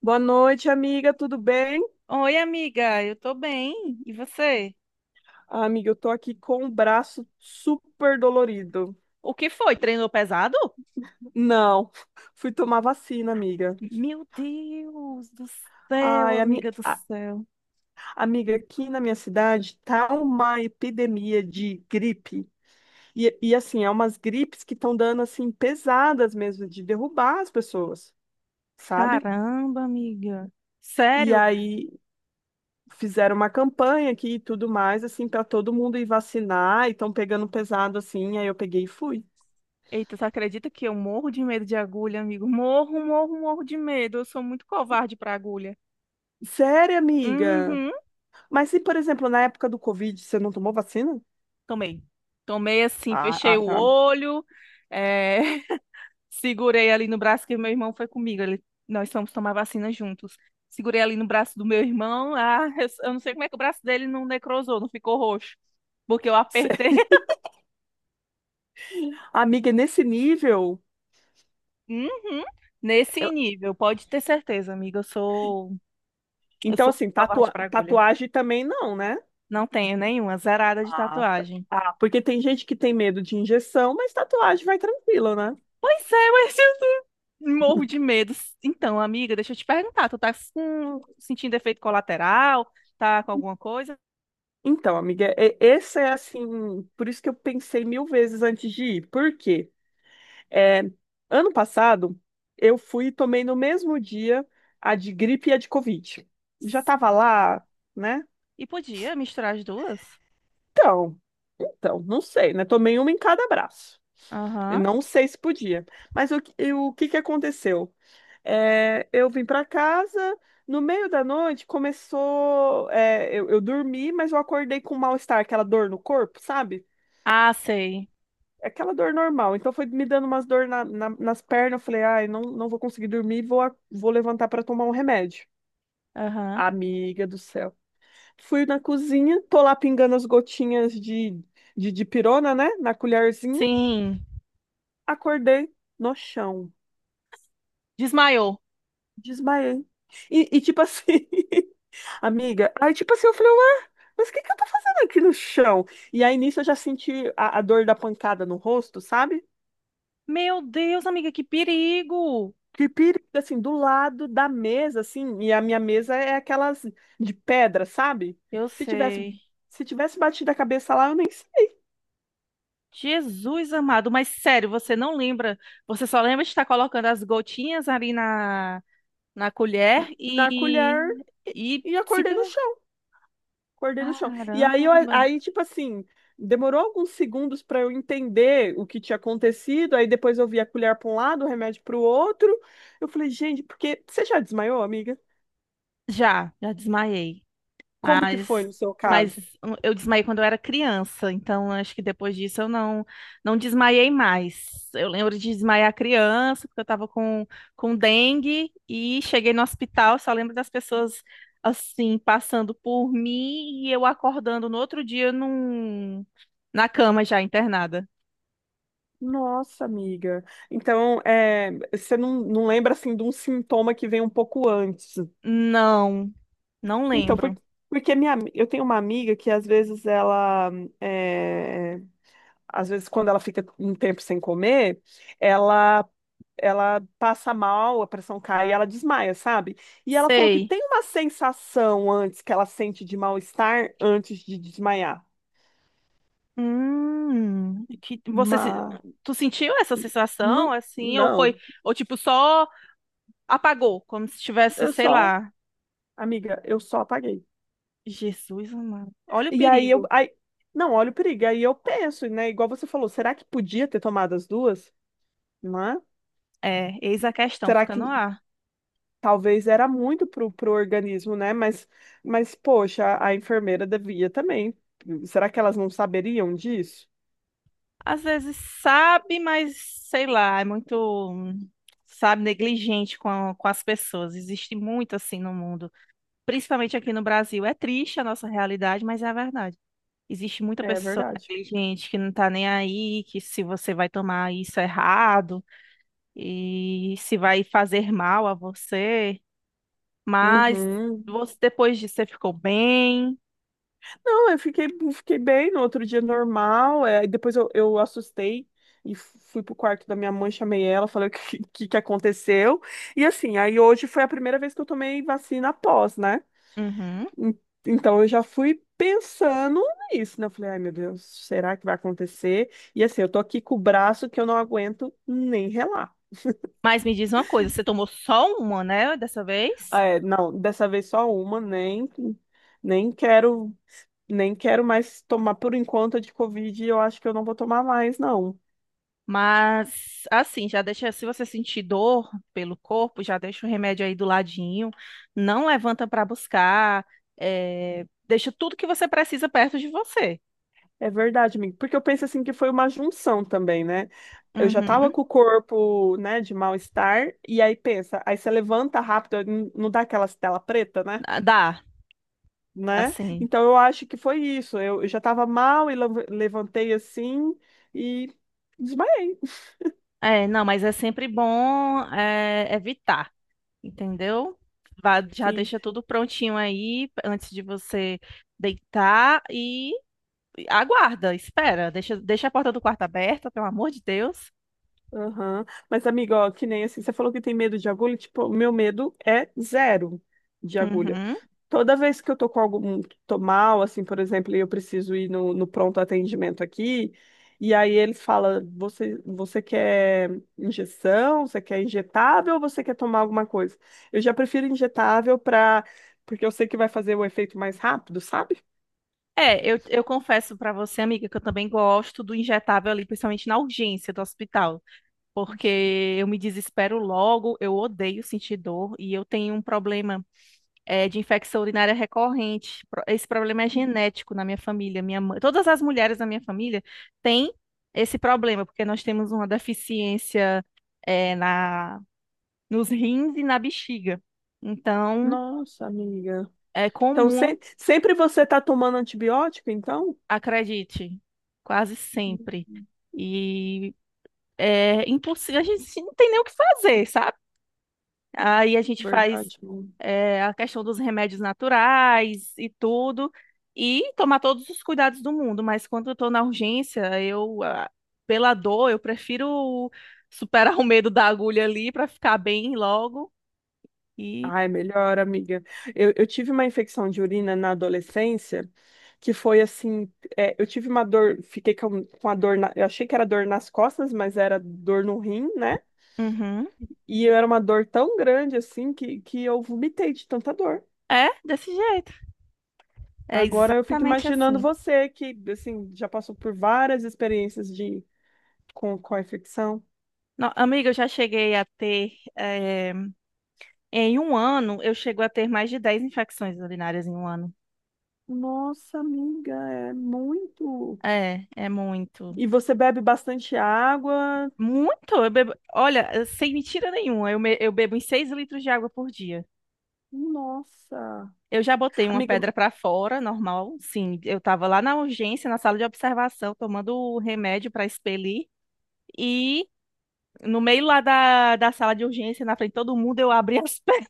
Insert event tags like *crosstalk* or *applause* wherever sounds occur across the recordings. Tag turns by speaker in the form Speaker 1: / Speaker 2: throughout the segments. Speaker 1: Boa noite, amiga, tudo bem?
Speaker 2: Oi, amiga, eu tô bem. E você?
Speaker 1: Ah, amiga, eu tô aqui com o braço super dolorido.
Speaker 2: O que foi? Treinou pesado?
Speaker 1: Não, *laughs* fui tomar vacina, amiga.
Speaker 2: Meu Deus do céu,
Speaker 1: Ai,
Speaker 2: amiga
Speaker 1: ami-
Speaker 2: do
Speaker 1: a-
Speaker 2: céu.
Speaker 1: amiga, aqui na minha cidade tá uma epidemia de gripe. E assim, é umas gripes que estão dando assim pesadas mesmo, de derrubar as pessoas, sabe?
Speaker 2: Caramba, amiga.
Speaker 1: E
Speaker 2: Sério?
Speaker 1: aí fizeram uma campanha aqui e tudo mais, assim, para todo mundo ir vacinar e estão pegando pesado assim. Aí eu peguei e fui.
Speaker 2: Eita, você acredita que eu morro de medo de agulha, amigo? Morro, morro, morro de medo. Eu sou muito covarde pra agulha.
Speaker 1: Sério, amiga?
Speaker 2: Uhum.
Speaker 1: Mas se, por exemplo, na época do Covid, você não tomou vacina?
Speaker 2: Tomei. Tomei assim,
Speaker 1: Ah,
Speaker 2: fechei
Speaker 1: ah,
Speaker 2: o
Speaker 1: tá.
Speaker 2: olho. É... Segurei ali no braço que meu irmão foi comigo. Nós fomos tomar vacina juntos. Segurei ali no braço do meu irmão. Ah, eu não sei como é que o braço dele não necrosou, não ficou roxo. Porque eu apertei.
Speaker 1: Cê-
Speaker 2: *laughs*
Speaker 1: Amiga, é nesse nível.
Speaker 2: Uhum. Nesse
Speaker 1: eu-
Speaker 2: nível, pode ter certeza, amiga. Eu sou, eu
Speaker 1: Então,
Speaker 2: sou
Speaker 1: assim,
Speaker 2: covarde para agulha.
Speaker 1: tatuagem também não, né?
Speaker 2: Não tenho nenhuma, zerada de
Speaker 1: Ah, tá.
Speaker 2: tatuagem.
Speaker 1: Ah, porque tem gente que tem medo de injeção, mas tatuagem vai tranquilo, né?
Speaker 2: Pois é, mas eu morro de medo. Então, amiga, deixa eu te perguntar, tu tá sentindo efeito colateral? Tá com alguma coisa?
Speaker 1: Então, amiga, esse é assim. Por isso que eu pensei mil vezes antes de ir. Por quê? É, ano passado, eu fui e tomei no mesmo dia a de gripe e a de Covid. Já tava lá, né?
Speaker 2: E podia misturar as duas?
Speaker 1: Então, então, não sei, né? Tomei uma em cada braço. E
Speaker 2: Aham.
Speaker 1: não sei se podia. Mas o que que aconteceu? Eu vim para casa, no meio da noite começou. Eu dormi, mas eu acordei com mal-estar, aquela dor no corpo, sabe?
Speaker 2: Ah, sei.
Speaker 1: É, aquela dor normal. Então foi me dando umas dor nas pernas. Eu falei, ai, não, não vou conseguir dormir, vou levantar para tomar um remédio.
Speaker 2: Aham.
Speaker 1: Amiga do céu. Fui na cozinha, tô lá pingando as gotinhas de dipirona, né? Na colherzinha.
Speaker 2: Sim.
Speaker 1: Acordei no chão.
Speaker 2: Desmaiou.
Speaker 1: Desmaiei. Tipo assim, *laughs* amiga, aí tipo assim, eu falei, ué, mas o que que eu tô fazendo aqui no chão? E aí nisso eu já senti a dor da pancada no rosto, sabe?
Speaker 2: Meu Deus, amiga, que perigo!
Speaker 1: Que perigo, assim, do lado da mesa, assim, e a minha mesa é aquelas de pedra, sabe?
Speaker 2: Eu
Speaker 1: Se tivesse,
Speaker 2: sei.
Speaker 1: se tivesse batido a cabeça lá, eu nem sei.
Speaker 2: Jesus amado, mas sério, você não lembra? Você só lembra de estar colocando as gotinhas ali na colher
Speaker 1: Na
Speaker 2: e.
Speaker 1: colher
Speaker 2: E
Speaker 1: e acordei no...
Speaker 2: simplesmente.
Speaker 1: Acordei no chão. E aí,
Speaker 2: Caramba!
Speaker 1: aí tipo assim, demorou alguns segundos para eu entender o que tinha acontecido. Aí depois eu vi a colher para um lado, o remédio para o outro. Eu falei, gente, porque você já desmaiou, amiga?
Speaker 2: Já, já desmaiei.
Speaker 1: Como que foi
Speaker 2: Mas,
Speaker 1: no seu
Speaker 2: mas
Speaker 1: caso?
Speaker 2: eu desmaiei quando eu era criança, então acho que depois disso eu não não desmaiei mais. Eu lembro de desmaiar criança, porque eu estava com dengue e cheguei no hospital, só lembro das pessoas assim passando por mim e eu acordando no outro dia na cama já internada.
Speaker 1: Nossa, amiga. Então, é, você não, não lembra assim de um sintoma que vem um pouco antes.
Speaker 2: Não, não
Speaker 1: Então,
Speaker 2: lembro.
Speaker 1: porque minha, eu tenho uma amiga que às vezes ela, é, às vezes quando ela fica um tempo sem comer, ela ela passa mal, a pressão cai e ela desmaia, sabe? E ela falou que
Speaker 2: Sei.
Speaker 1: tem uma sensação antes que ela sente de mal-estar antes de desmaiar.
Speaker 2: Que você se-
Speaker 1: Mas
Speaker 2: tu sentiu essa sensação
Speaker 1: não,
Speaker 2: assim ou foi
Speaker 1: não,
Speaker 2: ou tipo só apagou, como se tivesse,
Speaker 1: eu
Speaker 2: sei
Speaker 1: só,
Speaker 2: lá.
Speaker 1: amiga, eu só apaguei.
Speaker 2: Jesus amado. Olha o
Speaker 1: E aí eu,
Speaker 2: perigo.
Speaker 1: aí, não, olha o perigo. Aí eu penso, né? Igual você falou, será que podia ter tomado as duas? Não é?
Speaker 2: É, eis a questão,
Speaker 1: Será
Speaker 2: fica no
Speaker 1: que
Speaker 2: ar.
Speaker 1: talvez era muito pro organismo, né? Mas poxa, a enfermeira devia também. Será que elas não saberiam disso?
Speaker 2: Às vezes sabe, mas sei lá, é muito, hum, sabe, negligente com as pessoas. Existe muito assim no mundo, principalmente aqui no Brasil. É triste a nossa realidade, mas é a verdade. Existe muita
Speaker 1: É
Speaker 2: pessoa
Speaker 1: verdade.
Speaker 2: negligente que não tá nem aí, que se você vai tomar isso errado e se vai fazer mal a você. Mas
Speaker 1: Uhum.
Speaker 2: você, depois disso, você ficou bem.
Speaker 1: Não, eu fiquei, fiquei bem no outro dia normal. É, eu assustei e fui pro quarto da minha mãe, chamei ela, falei o que, *laughs* que aconteceu. E assim, aí hoje foi a primeira vez que eu tomei vacina após, né?
Speaker 2: Uhum.
Speaker 1: En- Então eu já fui pensando nisso, né? Eu falei, ai meu Deus, será que vai acontecer? E assim, eu tô aqui com o braço que eu não aguento nem relar.
Speaker 2: Mas me diz uma coisa, você tomou só uma, né, dessa
Speaker 1: Ah,
Speaker 2: vez?
Speaker 1: é, não, dessa vez só uma, nem quero. Nem quero mais tomar por enquanto a de Covid, e eu acho que eu não vou tomar mais, não.
Speaker 2: Mas assim, já deixa, se você sentir dor pelo corpo, já deixa o remédio aí do ladinho, não levanta para buscar, deixa tudo que você precisa perto de você.
Speaker 1: É verdade, amigo. Porque eu penso assim que foi uma junção também, né? Eu já tava
Speaker 2: Uhum.
Speaker 1: com o corpo, né, de mal-estar, e aí pensa, aí você levanta rápido, não dá aquela tela preta, né?
Speaker 2: Ah, dá,
Speaker 1: Né?
Speaker 2: assim.
Speaker 1: Então eu acho que foi isso. Eu já tava mal e levantei assim e desmaiei.
Speaker 2: É, não, mas é sempre bom evitar. Entendeu? Já
Speaker 1: Sim.
Speaker 2: deixa tudo prontinho aí antes de você deitar e aguarda, espera, deixa, a porta do quarto aberta, pelo amor de Deus.
Speaker 1: Aham. Mas, amigo, ó, que nem assim, você falou que tem medo de agulha, tipo, o meu medo é zero de agulha.
Speaker 2: Uhum.
Speaker 1: Toda vez que eu tô com algum, tô mal, assim, por exemplo, e eu preciso ir no pronto atendimento aqui, e aí eles falam, você quer injeção, você quer injetável ou você quer tomar alguma coisa? Eu já prefiro injetável porque eu sei que vai fazer o efeito mais rápido, sabe?
Speaker 2: É, eu confesso pra você, amiga, que eu também gosto do injetável ali, principalmente na urgência do hospital, porque eu me desespero logo, eu odeio sentir dor e eu tenho um problema, de infecção urinária recorrente. Esse problema é genético na minha família. Minha mãe, todas as mulheres da minha família têm esse problema, porque nós temos uma deficiência, é, na, nos rins e na bexiga. Então,
Speaker 1: Nossa, amiga.
Speaker 2: é
Speaker 1: Então,
Speaker 2: comum,
Speaker 1: sempre você tá tomando antibiótico, então?
Speaker 2: acredite, quase
Speaker 1: Hum.
Speaker 2: sempre. E é impossível, a gente não tem nem o que fazer, sabe? Aí a gente faz
Speaker 1: Verdade.
Speaker 2: a questão dos remédios naturais e tudo, e tomar todos os cuidados do mundo. Mas quando eu tô na urgência, pela dor, eu prefiro superar *laughs* o medo da agulha ali para ficar bem logo. E
Speaker 1: Ai, melhor, amiga. Eu tive uma infecção de urina na adolescência que foi assim, é, eu tive uma dor, fiquei com a dor, eu achei que era dor nas costas, mas era dor no rim, né?
Speaker 2: Uhum.
Speaker 1: E era uma dor tão grande assim que eu vomitei de tanta dor.
Speaker 2: É desse jeito. É
Speaker 1: Agora eu fico
Speaker 2: exatamente
Speaker 1: imaginando
Speaker 2: assim.
Speaker 1: você que assim já passou por várias experiências de com a infecção.
Speaker 2: Amiga, eu já cheguei a ter, em um ano, eu chego a ter mais de 10 infecções urinárias em um ano.
Speaker 1: Nossa, amiga, é muito.
Speaker 2: É, é muito.
Speaker 1: E você bebe bastante água.
Speaker 2: Muito? Eu bebo, olha, sem mentira nenhuma, eu bebo uns 6 litros de água por dia.
Speaker 1: Nossa.
Speaker 2: Eu já botei uma
Speaker 1: Amiga.
Speaker 2: pedra pra fora, normal, sim. Eu tava lá na urgência, na sala de observação, tomando o remédio pra expelir. E no meio lá da sala de urgência, na frente de todo mundo, eu abri as *laughs* pernas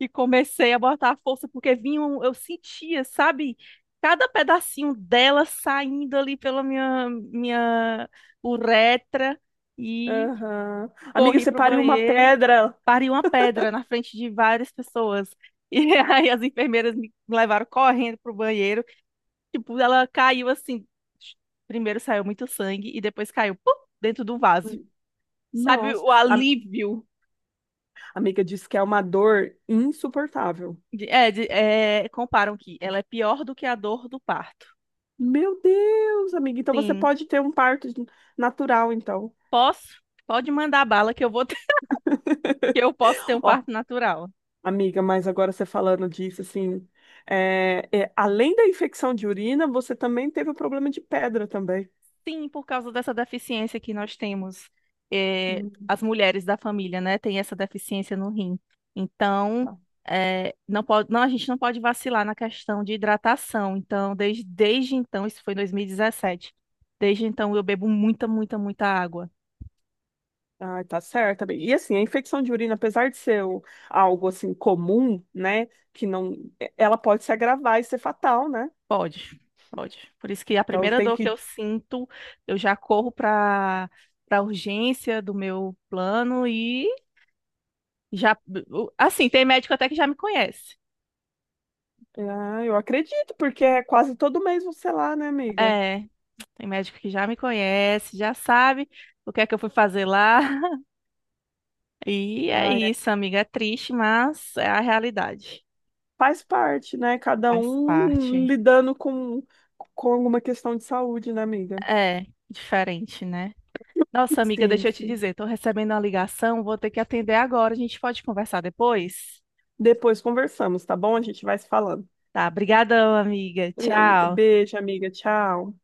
Speaker 2: e comecei a botar a força, porque vinha, eu sentia, sabe, cada pedacinho dela saindo ali pela minha uretra. E
Speaker 1: Aham. Amiga,
Speaker 2: corri
Speaker 1: você
Speaker 2: pro
Speaker 1: pariu uma
Speaker 2: banheiro.
Speaker 1: pedra.
Speaker 2: Pariu uma pedra na frente de várias pessoas. *laughs* E aí as enfermeiras me levaram correndo pro banheiro. Tipo, ela caiu assim. Primeiro saiu muito sangue e depois caiu pum, dentro do vaso. Sabe
Speaker 1: Nossa.
Speaker 2: o
Speaker 1: A
Speaker 2: alívio?
Speaker 1: amiga disse que é uma dor insuportável.
Speaker 2: Comparam que ela é pior do que a dor do parto.
Speaker 1: Meu Deus, amiga. Então você
Speaker 2: Sim,
Speaker 1: pode ter um parto natural, então.
Speaker 2: posso? Pode mandar bala que eu vou ter- *laughs* que eu posso ter um
Speaker 1: *laughs*
Speaker 2: parto
Speaker 1: Ó,
Speaker 2: natural.
Speaker 1: amiga, mas agora você falando disso, assim, além da infecção de urina, você também teve o problema de pedra também.
Speaker 2: Sim, por causa dessa deficiência que nós temos,
Speaker 1: Hum,
Speaker 2: as mulheres da família, né, têm essa deficiência no rim. Então,
Speaker 1: tá.
Speaker 2: não pode, não, a gente não pode vacilar na questão de hidratação. Então, desde então, isso foi em 2017. Desde então, eu bebo muita, muita, muita água.
Speaker 1: Ah, tá certo, bem. E assim, a infecção de urina, apesar de ser algo assim comum, né, que não, é, ela pode se agravar e ser fatal, né?
Speaker 2: Pode, pode. Por isso que a
Speaker 1: Então
Speaker 2: primeira
Speaker 1: tem
Speaker 2: dor que
Speaker 1: que...
Speaker 2: eu sinto, eu já corro para urgência do meu plano e já, assim, tem médico até que já me conhece.
Speaker 1: Ah, eu acredito, porque é quase todo mês você lá, né, amiga?
Speaker 2: É, tem médico que já me conhece, já sabe o que é que eu fui fazer lá. *laughs* E é
Speaker 1: Ah,
Speaker 2: isso, amiga. É triste, mas é a realidade.
Speaker 1: faz parte, né? Cada
Speaker 2: Faz
Speaker 1: um
Speaker 2: parte.
Speaker 1: lidando com alguma questão de saúde, né, amiga?
Speaker 2: É, diferente, né? Nossa, amiga,
Speaker 1: Sim,
Speaker 2: deixa eu te
Speaker 1: sim.
Speaker 2: dizer, tô recebendo uma ligação, vou ter que atender agora. A gente pode conversar depois?
Speaker 1: Depois conversamos, tá bom? A gente vai se falando.
Speaker 2: Tá, brigadão, amiga. Tchau.
Speaker 1: Beijo, amiga. Tchau.